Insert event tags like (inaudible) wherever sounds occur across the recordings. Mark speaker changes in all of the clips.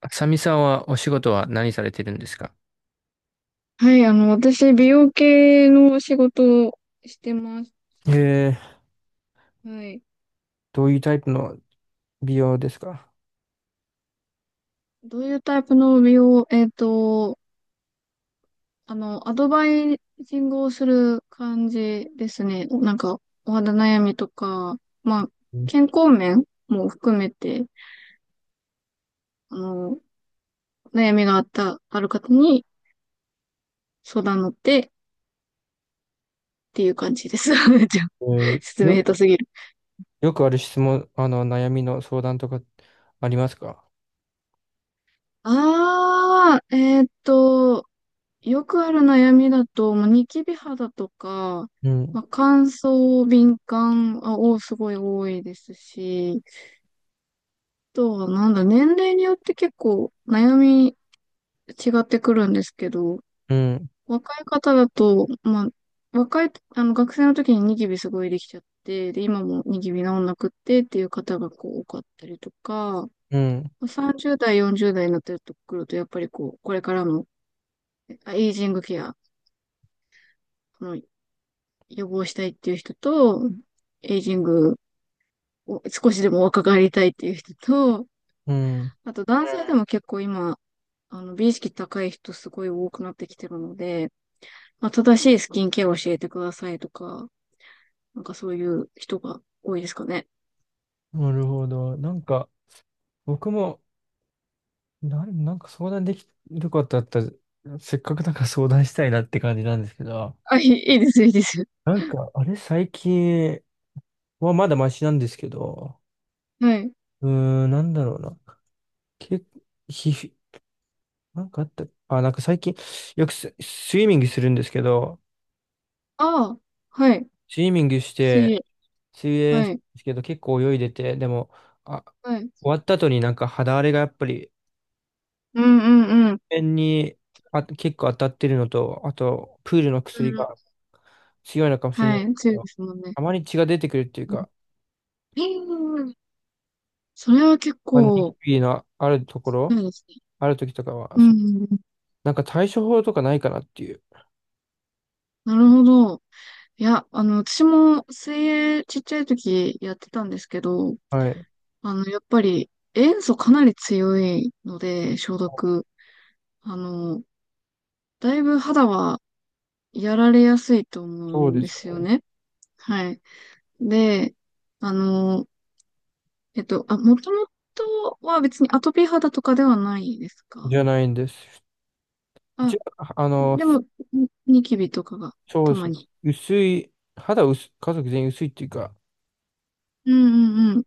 Speaker 1: あさみさんはお仕事は何されてるんですか？
Speaker 2: はい、私、美容系の仕事をしてます。
Speaker 1: えー、
Speaker 2: はい。
Speaker 1: どういうタイプの美容ですか？
Speaker 2: どういうタイプの美容、アドバイジングをする感じですね。なんか、お肌悩みとか、まあ、
Speaker 1: うん。
Speaker 2: 健康面も含めて、あの、悩みがあった、ある方に相談乗ってっていう感じです。(laughs) じゃあ、
Speaker 1: えー、
Speaker 2: 説明
Speaker 1: よ、
Speaker 2: 下手すぎる。
Speaker 1: よくある質問、悩みの相談とかありますか？
Speaker 2: あー、えっと、よくある悩みだと、まあ、ニキビ肌とか、
Speaker 1: うん、
Speaker 2: まあ、乾燥、敏感あをすごい多いですし、あとはなんだ、年齢によって結構悩み違ってくるんですけど、
Speaker 1: うん、
Speaker 2: 若い方だと、まあ、あの学生の時にニキビすごいできちゃって、で、今もニキビ治んなくってっていう方がこう多かったりとか、
Speaker 1: うん、
Speaker 2: まあ30代、40代になってくると、やっぱりこう、これからのエイジングケア、その予防したいっていう人と、エイジングを少しでも若返りたいっていう人と、
Speaker 1: うん。
Speaker 2: あと男性でも結構今、美意識高い人すごい多くなってきてるので、まあ、正しいスキンケアを教えてくださいとか、なんかそういう人が多いですかね。
Speaker 1: なるほど。なんか、僕も、なんか相談できることあったら、せっかくだから相談したいなって感じなんですけど、
Speaker 2: いいですよ、いいですよ。
Speaker 1: なんか、あれ、最近はまだマシなんですけど、
Speaker 2: はい。
Speaker 1: うーん、なんだろうな。け、皮膚なんかあった、あ、なんか最近、よくス、スイミングするんですけど、
Speaker 2: ああ、はい。
Speaker 1: スイミングし
Speaker 2: 水
Speaker 1: て、
Speaker 2: 泳。
Speaker 1: 水泳す
Speaker 2: は
Speaker 1: るん
Speaker 2: い。
Speaker 1: ですけど結構泳いでて、でも、あ、
Speaker 2: はい。
Speaker 1: 終わった後になんか肌荒れがやっぱり、
Speaker 2: うんうんうん。
Speaker 1: 面に結構当たってるのと、あと、プールの
Speaker 2: う
Speaker 1: 薬
Speaker 2: ん
Speaker 1: が強いのかもしれな
Speaker 2: は
Speaker 1: い
Speaker 2: い。
Speaker 1: け
Speaker 2: 強いで
Speaker 1: ど、
Speaker 2: すもんね。
Speaker 1: たまに血が出てくるっていう
Speaker 2: うん。
Speaker 1: か、
Speaker 2: うんうんん、それは結
Speaker 1: まあ、ニキ
Speaker 2: 構、
Speaker 1: ビのあるとこ
Speaker 2: そ
Speaker 1: ろ、
Speaker 2: うですね。
Speaker 1: ある時とかは、
Speaker 2: うんう
Speaker 1: そ、
Speaker 2: んうん。
Speaker 1: なんか対処法とかないかなっていう。
Speaker 2: なるほど。いや、私も水泳ちっちゃい時やってたんですけど、
Speaker 1: はい。
Speaker 2: やっぱり塩素かなり強いので、消毒。あの、だいぶ肌はやられやすいと思う
Speaker 1: そう
Speaker 2: ん
Speaker 1: で
Speaker 2: で
Speaker 1: すよ
Speaker 2: すよ
Speaker 1: ね。
Speaker 2: ね。はい。で、あの、もともとは別にアトピー肌とかではないです
Speaker 1: じ
Speaker 2: か？
Speaker 1: ゃないんです。一
Speaker 2: あ、
Speaker 1: 応、あの、
Speaker 2: でも、ニキビとかが
Speaker 1: そう
Speaker 2: た
Speaker 1: です
Speaker 2: ま
Speaker 1: ね。
Speaker 2: に。
Speaker 1: 薄い、肌薄、家族全員薄いっていうか、
Speaker 2: うんうんうん。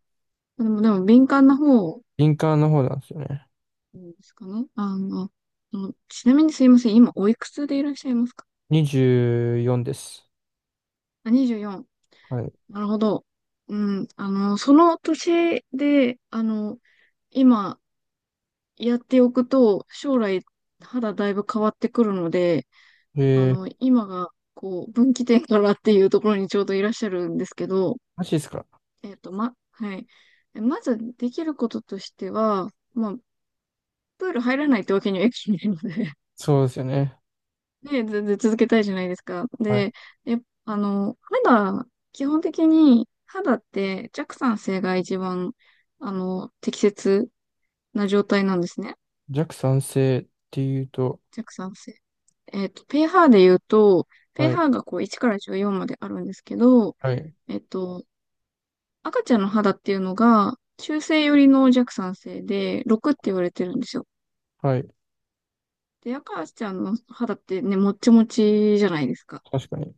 Speaker 2: でも、でも敏感な方
Speaker 1: 敏感の方なんですよね。
Speaker 2: うんですかね。そのちなみにすいません。今、おいくつでいらっしゃいますか？
Speaker 1: 24です。
Speaker 2: あ、24。
Speaker 1: はい。
Speaker 2: なるほど。うん。その年で、今、やっておくと、将来、肌だいぶ変わってくるので、
Speaker 1: えー、
Speaker 2: 今が、こう、分岐点からっていうところにちょうどいらっしゃるんですけど、
Speaker 1: マジですか？
Speaker 2: はい。まず、できることとしては、まあ、プール入らないってわけにはいかないので、
Speaker 1: そうですよね。
Speaker 2: で、全然続けたいじゃないですか。
Speaker 1: はい。
Speaker 2: で、え、あの、肌、基本的に肌って弱酸性が一番、適切な状態なんですね。
Speaker 1: 弱酸性っていうと、
Speaker 2: 弱酸性。えっと、pH で言うと、
Speaker 1: はい、
Speaker 2: pH がこう1から14まであるんですけど、
Speaker 1: はい、
Speaker 2: えっと、赤ちゃんの肌っていうのが中性寄りの弱酸性で6って言われてるんですよ。
Speaker 1: はい。
Speaker 2: で、赤ちゃんの肌ってね、もっちもちじゃないですか。
Speaker 1: 確かに。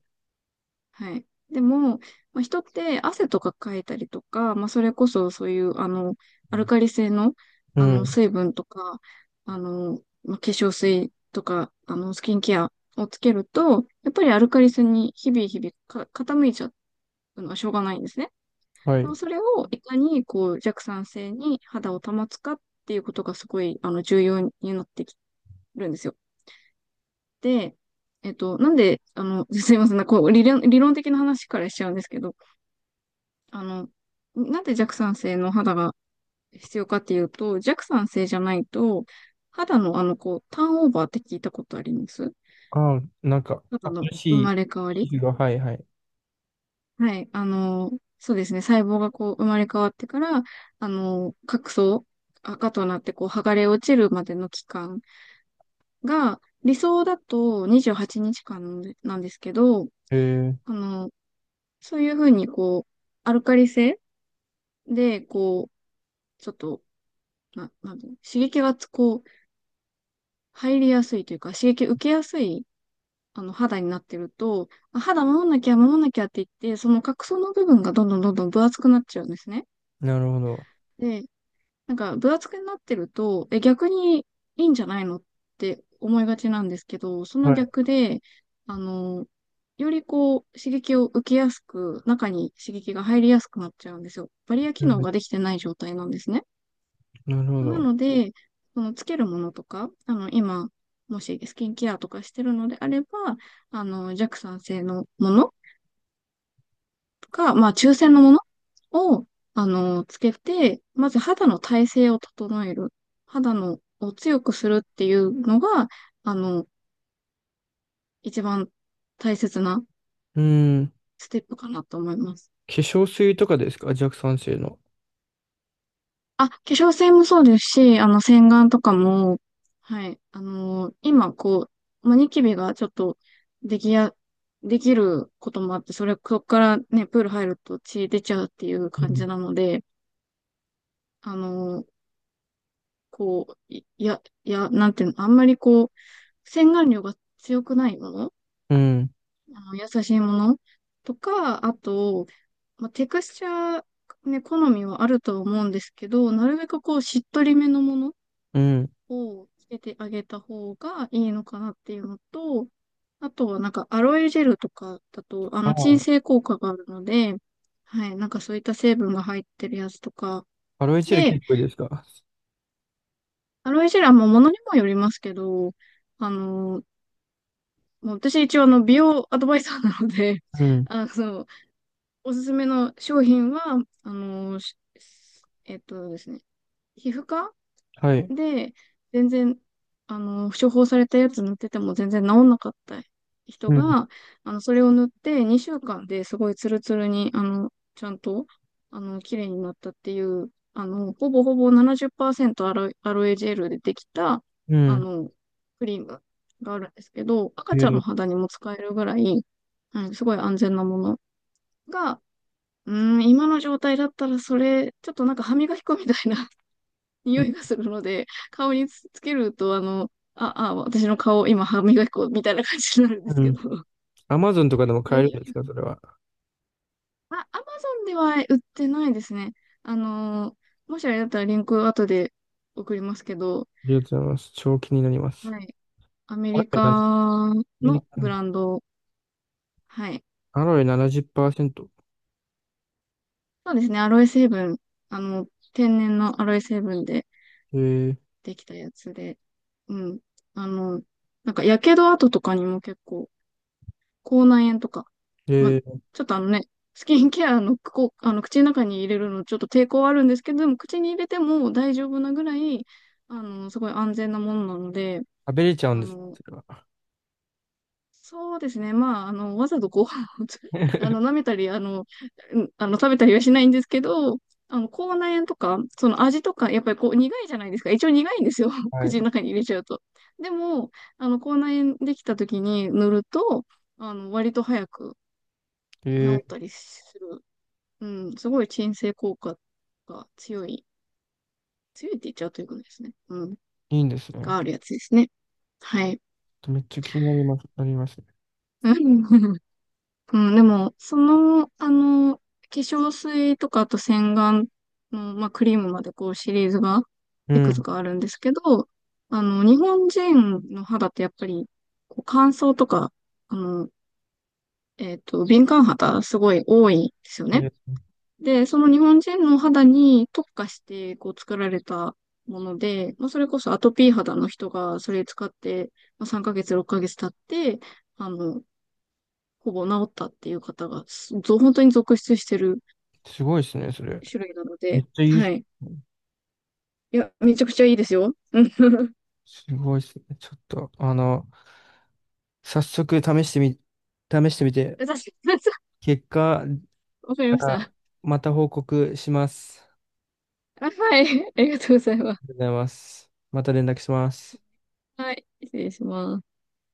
Speaker 2: はい。でも、まあ、人って汗とかかいたりとか、まあ、それこそそういう、アルカリ性の、
Speaker 1: うん、
Speaker 2: 水分とか、化粧水とか、スキンケアをつけると、やっぱりアルカリ性に日々日々傾いちゃうのはしょうがないんですね。
Speaker 1: は
Speaker 2: でも
Speaker 1: い。
Speaker 2: それをいかに、こう、弱酸性に肌を保つかっていうことがすごい、重要になってきるんですよ。で、えっと、なんで、あの、(laughs) すいません、こう、理論的な話からしちゃうんですけど、あの、なんで弱酸性の肌が必要かっていうと、弱酸性じゃないと、肌のこう、ターンオーバーって聞いたことあります？
Speaker 1: ああ、なんか、
Speaker 2: 肌の
Speaker 1: 新
Speaker 2: 生
Speaker 1: し
Speaker 2: まれ変わ
Speaker 1: い
Speaker 2: り、
Speaker 1: 皮膚が、はい、はい。
Speaker 2: はい。そうですね。細胞がこう、生まれ変わってから、角層、赤となってこう、剥がれ落ちるまでの期間が、理想だと28日間なんですけど、
Speaker 1: えー、
Speaker 2: あの、そういうふうにこう、アルカリ性で、こう、ちょっと、なんていうの刺激がこう、入りやすいというか、刺激受けやすい、肌になってると、あ、肌守んなきゃ守んなきゃって言って、その角層の部分がどんどんどんどん分厚くなっちゃうんですね。
Speaker 1: なるほど。
Speaker 2: で、なんか分厚くなってると、え、逆にいいんじゃないのって思いがちなんですけど、その
Speaker 1: はい。
Speaker 2: 逆で、あの、よりこう、刺激を受けやすく、中に刺激が入りやすくなっちゃうんですよ。バリア
Speaker 1: う
Speaker 2: 機能
Speaker 1: ん、
Speaker 2: ができてない状態なんですね。
Speaker 1: なるほ
Speaker 2: な
Speaker 1: ど。
Speaker 2: ので、そのつけるものとか、今、もしスキンケアとかしてるのであれば、弱酸性のものとか、まあ、中性のものを、つけて、まず肌の耐性を整える。肌のを強くするっていうのが、あの、一番大切な
Speaker 1: うん。
Speaker 2: ステップかなと思います。
Speaker 1: 化粧水とかですか？弱酸性の。
Speaker 2: あ、化粧水もそうですし、洗顔とかも、はい、今、こう、まあ、ニキビがちょっと、できや、できることもあって、そこからね、プール入ると血出ちゃうっていう
Speaker 1: う
Speaker 2: 感
Speaker 1: ん。
Speaker 2: じなので、あのーこう、なんていうの、あんまりこう、洗顔料が強くないもの、
Speaker 1: うん。
Speaker 2: 優しいものとか、あと、まあ、テクスチャー、ね、好みはあるとは思うんですけど、なるべくこう、しっとりめのもの
Speaker 1: うん。
Speaker 2: をつけてあげた方がいいのかなっていうのと、あとはなんかアロエジェルとかだと、あ
Speaker 1: あ
Speaker 2: の鎮
Speaker 1: あ、
Speaker 2: 静効果があるので、はい、なんかそういった成分が入ってるやつとか。
Speaker 1: アロエチェル
Speaker 2: で、
Speaker 1: 結構いいですか？
Speaker 2: アロエジェルはもう物にもよりますけど、あの、もう私一応あの美容アドバイザーなので、
Speaker 1: う
Speaker 2: (laughs)
Speaker 1: ん。
Speaker 2: あの、おすすめの商品は、えっとですね、皮膚科
Speaker 1: はい。
Speaker 2: で、全然、処方されたやつ塗ってても全然治んなかった人
Speaker 1: うん。
Speaker 2: が、それを塗って2週間ですごいツルツルに、ちゃんと、綺麗になったっていう、ほぼほぼ70%アロエ、アロエジェルでできた、
Speaker 1: う
Speaker 2: あ
Speaker 1: ん。
Speaker 2: の、クリームがあるんですけど、
Speaker 1: え
Speaker 2: 赤ちゃんの
Speaker 1: ー、
Speaker 2: 肌にも使えるぐらい、うん、すごい安全なものが、うーん、今の状態だったらそれ、ちょっとなんか歯磨き粉みたいな匂いがするので、顔につけると、私の顔、今、歯磨き粉みたいな感じになるんで
Speaker 1: う
Speaker 2: すけ
Speaker 1: ん。
Speaker 2: ど。
Speaker 1: アマゾンとかでも
Speaker 2: でも
Speaker 1: 買えるん
Speaker 2: 匂
Speaker 1: です
Speaker 2: い、
Speaker 1: か、それは。あ
Speaker 2: あ、アマゾンでは売ってないですね。あの、もしあれだったらリンク後で送りますけど、
Speaker 1: りがとうございます。超気になります。
Speaker 2: はい。アメ
Speaker 1: アロ
Speaker 2: リ
Speaker 1: エな、ア
Speaker 2: カ
Speaker 1: メリ
Speaker 2: の
Speaker 1: カン
Speaker 2: ブ
Speaker 1: ド
Speaker 2: ランド、はい。
Speaker 1: アロエ70%。
Speaker 2: そうですね、アロエ成分、あの、天然のアロエ成分で
Speaker 1: えー、
Speaker 2: できたやつで、うん。あの、なんか、やけど跡とかにも結構、口内炎とか。まあ、
Speaker 1: えー、
Speaker 2: ちょっとあのね、スキンケアの、こう、あの口の中に入れるのちょっと抵抗はあるんですけど、でも口に入れても大丈夫なぐらい、すごい安全なものなので、
Speaker 1: 食べれちゃうん
Speaker 2: あ
Speaker 1: です、
Speaker 2: の、
Speaker 1: それは。
Speaker 2: そうですね。まあ、わざとご飯を(laughs) 舐
Speaker 1: (laughs)
Speaker 2: めたり、あの、食べたりはしないんですけど、口内炎とか、その味とか、やっぱりこう、苦いじゃないですか。一応苦いんですよ。(laughs)
Speaker 1: は
Speaker 2: 口
Speaker 1: い。
Speaker 2: の中に入れちゃうと。でも、口内炎できた時に塗ると、割と早く、
Speaker 1: え
Speaker 2: 治っ
Speaker 1: ー、
Speaker 2: たりする。うん、すごい鎮静効果が強いって言っちゃうということですね。うん、
Speaker 1: いいんですね。
Speaker 2: があるやつですね。はい。
Speaker 1: めっちゃ気になります、なりますね。
Speaker 2: うん、うんでも、その、化粧水とか、あと洗顔の、まあ、クリームまでこうシリーズが、
Speaker 1: う
Speaker 2: いくつ
Speaker 1: ん。
Speaker 2: かあるんですけど、日本人の肌ってやっぱり、こう乾燥とか、あの、敏感肌すごい多いんですよ
Speaker 1: え
Speaker 2: ね。
Speaker 1: ー、
Speaker 2: で、その日本人の肌に特化してこう作られたもので、まあ、それこそアトピー肌の人がそれ使って、まあ、3ヶ月、6ヶ月経って、あの、ほぼ治ったっていう方が、すぞ本当に続出してる
Speaker 1: すごいですね、それ。
Speaker 2: 種類なの
Speaker 1: め
Speaker 2: で、
Speaker 1: っちゃいいっす
Speaker 2: はい。
Speaker 1: ね。
Speaker 2: いや、めちゃくちゃいいですよ。うん、確
Speaker 1: すごいですね。ちょっと、あの、早速試してみ、試してみて、
Speaker 2: (laughs) (laughs)
Speaker 1: 結果、
Speaker 2: わかりまし
Speaker 1: あ
Speaker 2: た。
Speaker 1: また報告します。
Speaker 2: あ、はい。ありがとうございます。
Speaker 1: りがとうございます。また連絡します。
Speaker 2: はい。失礼します。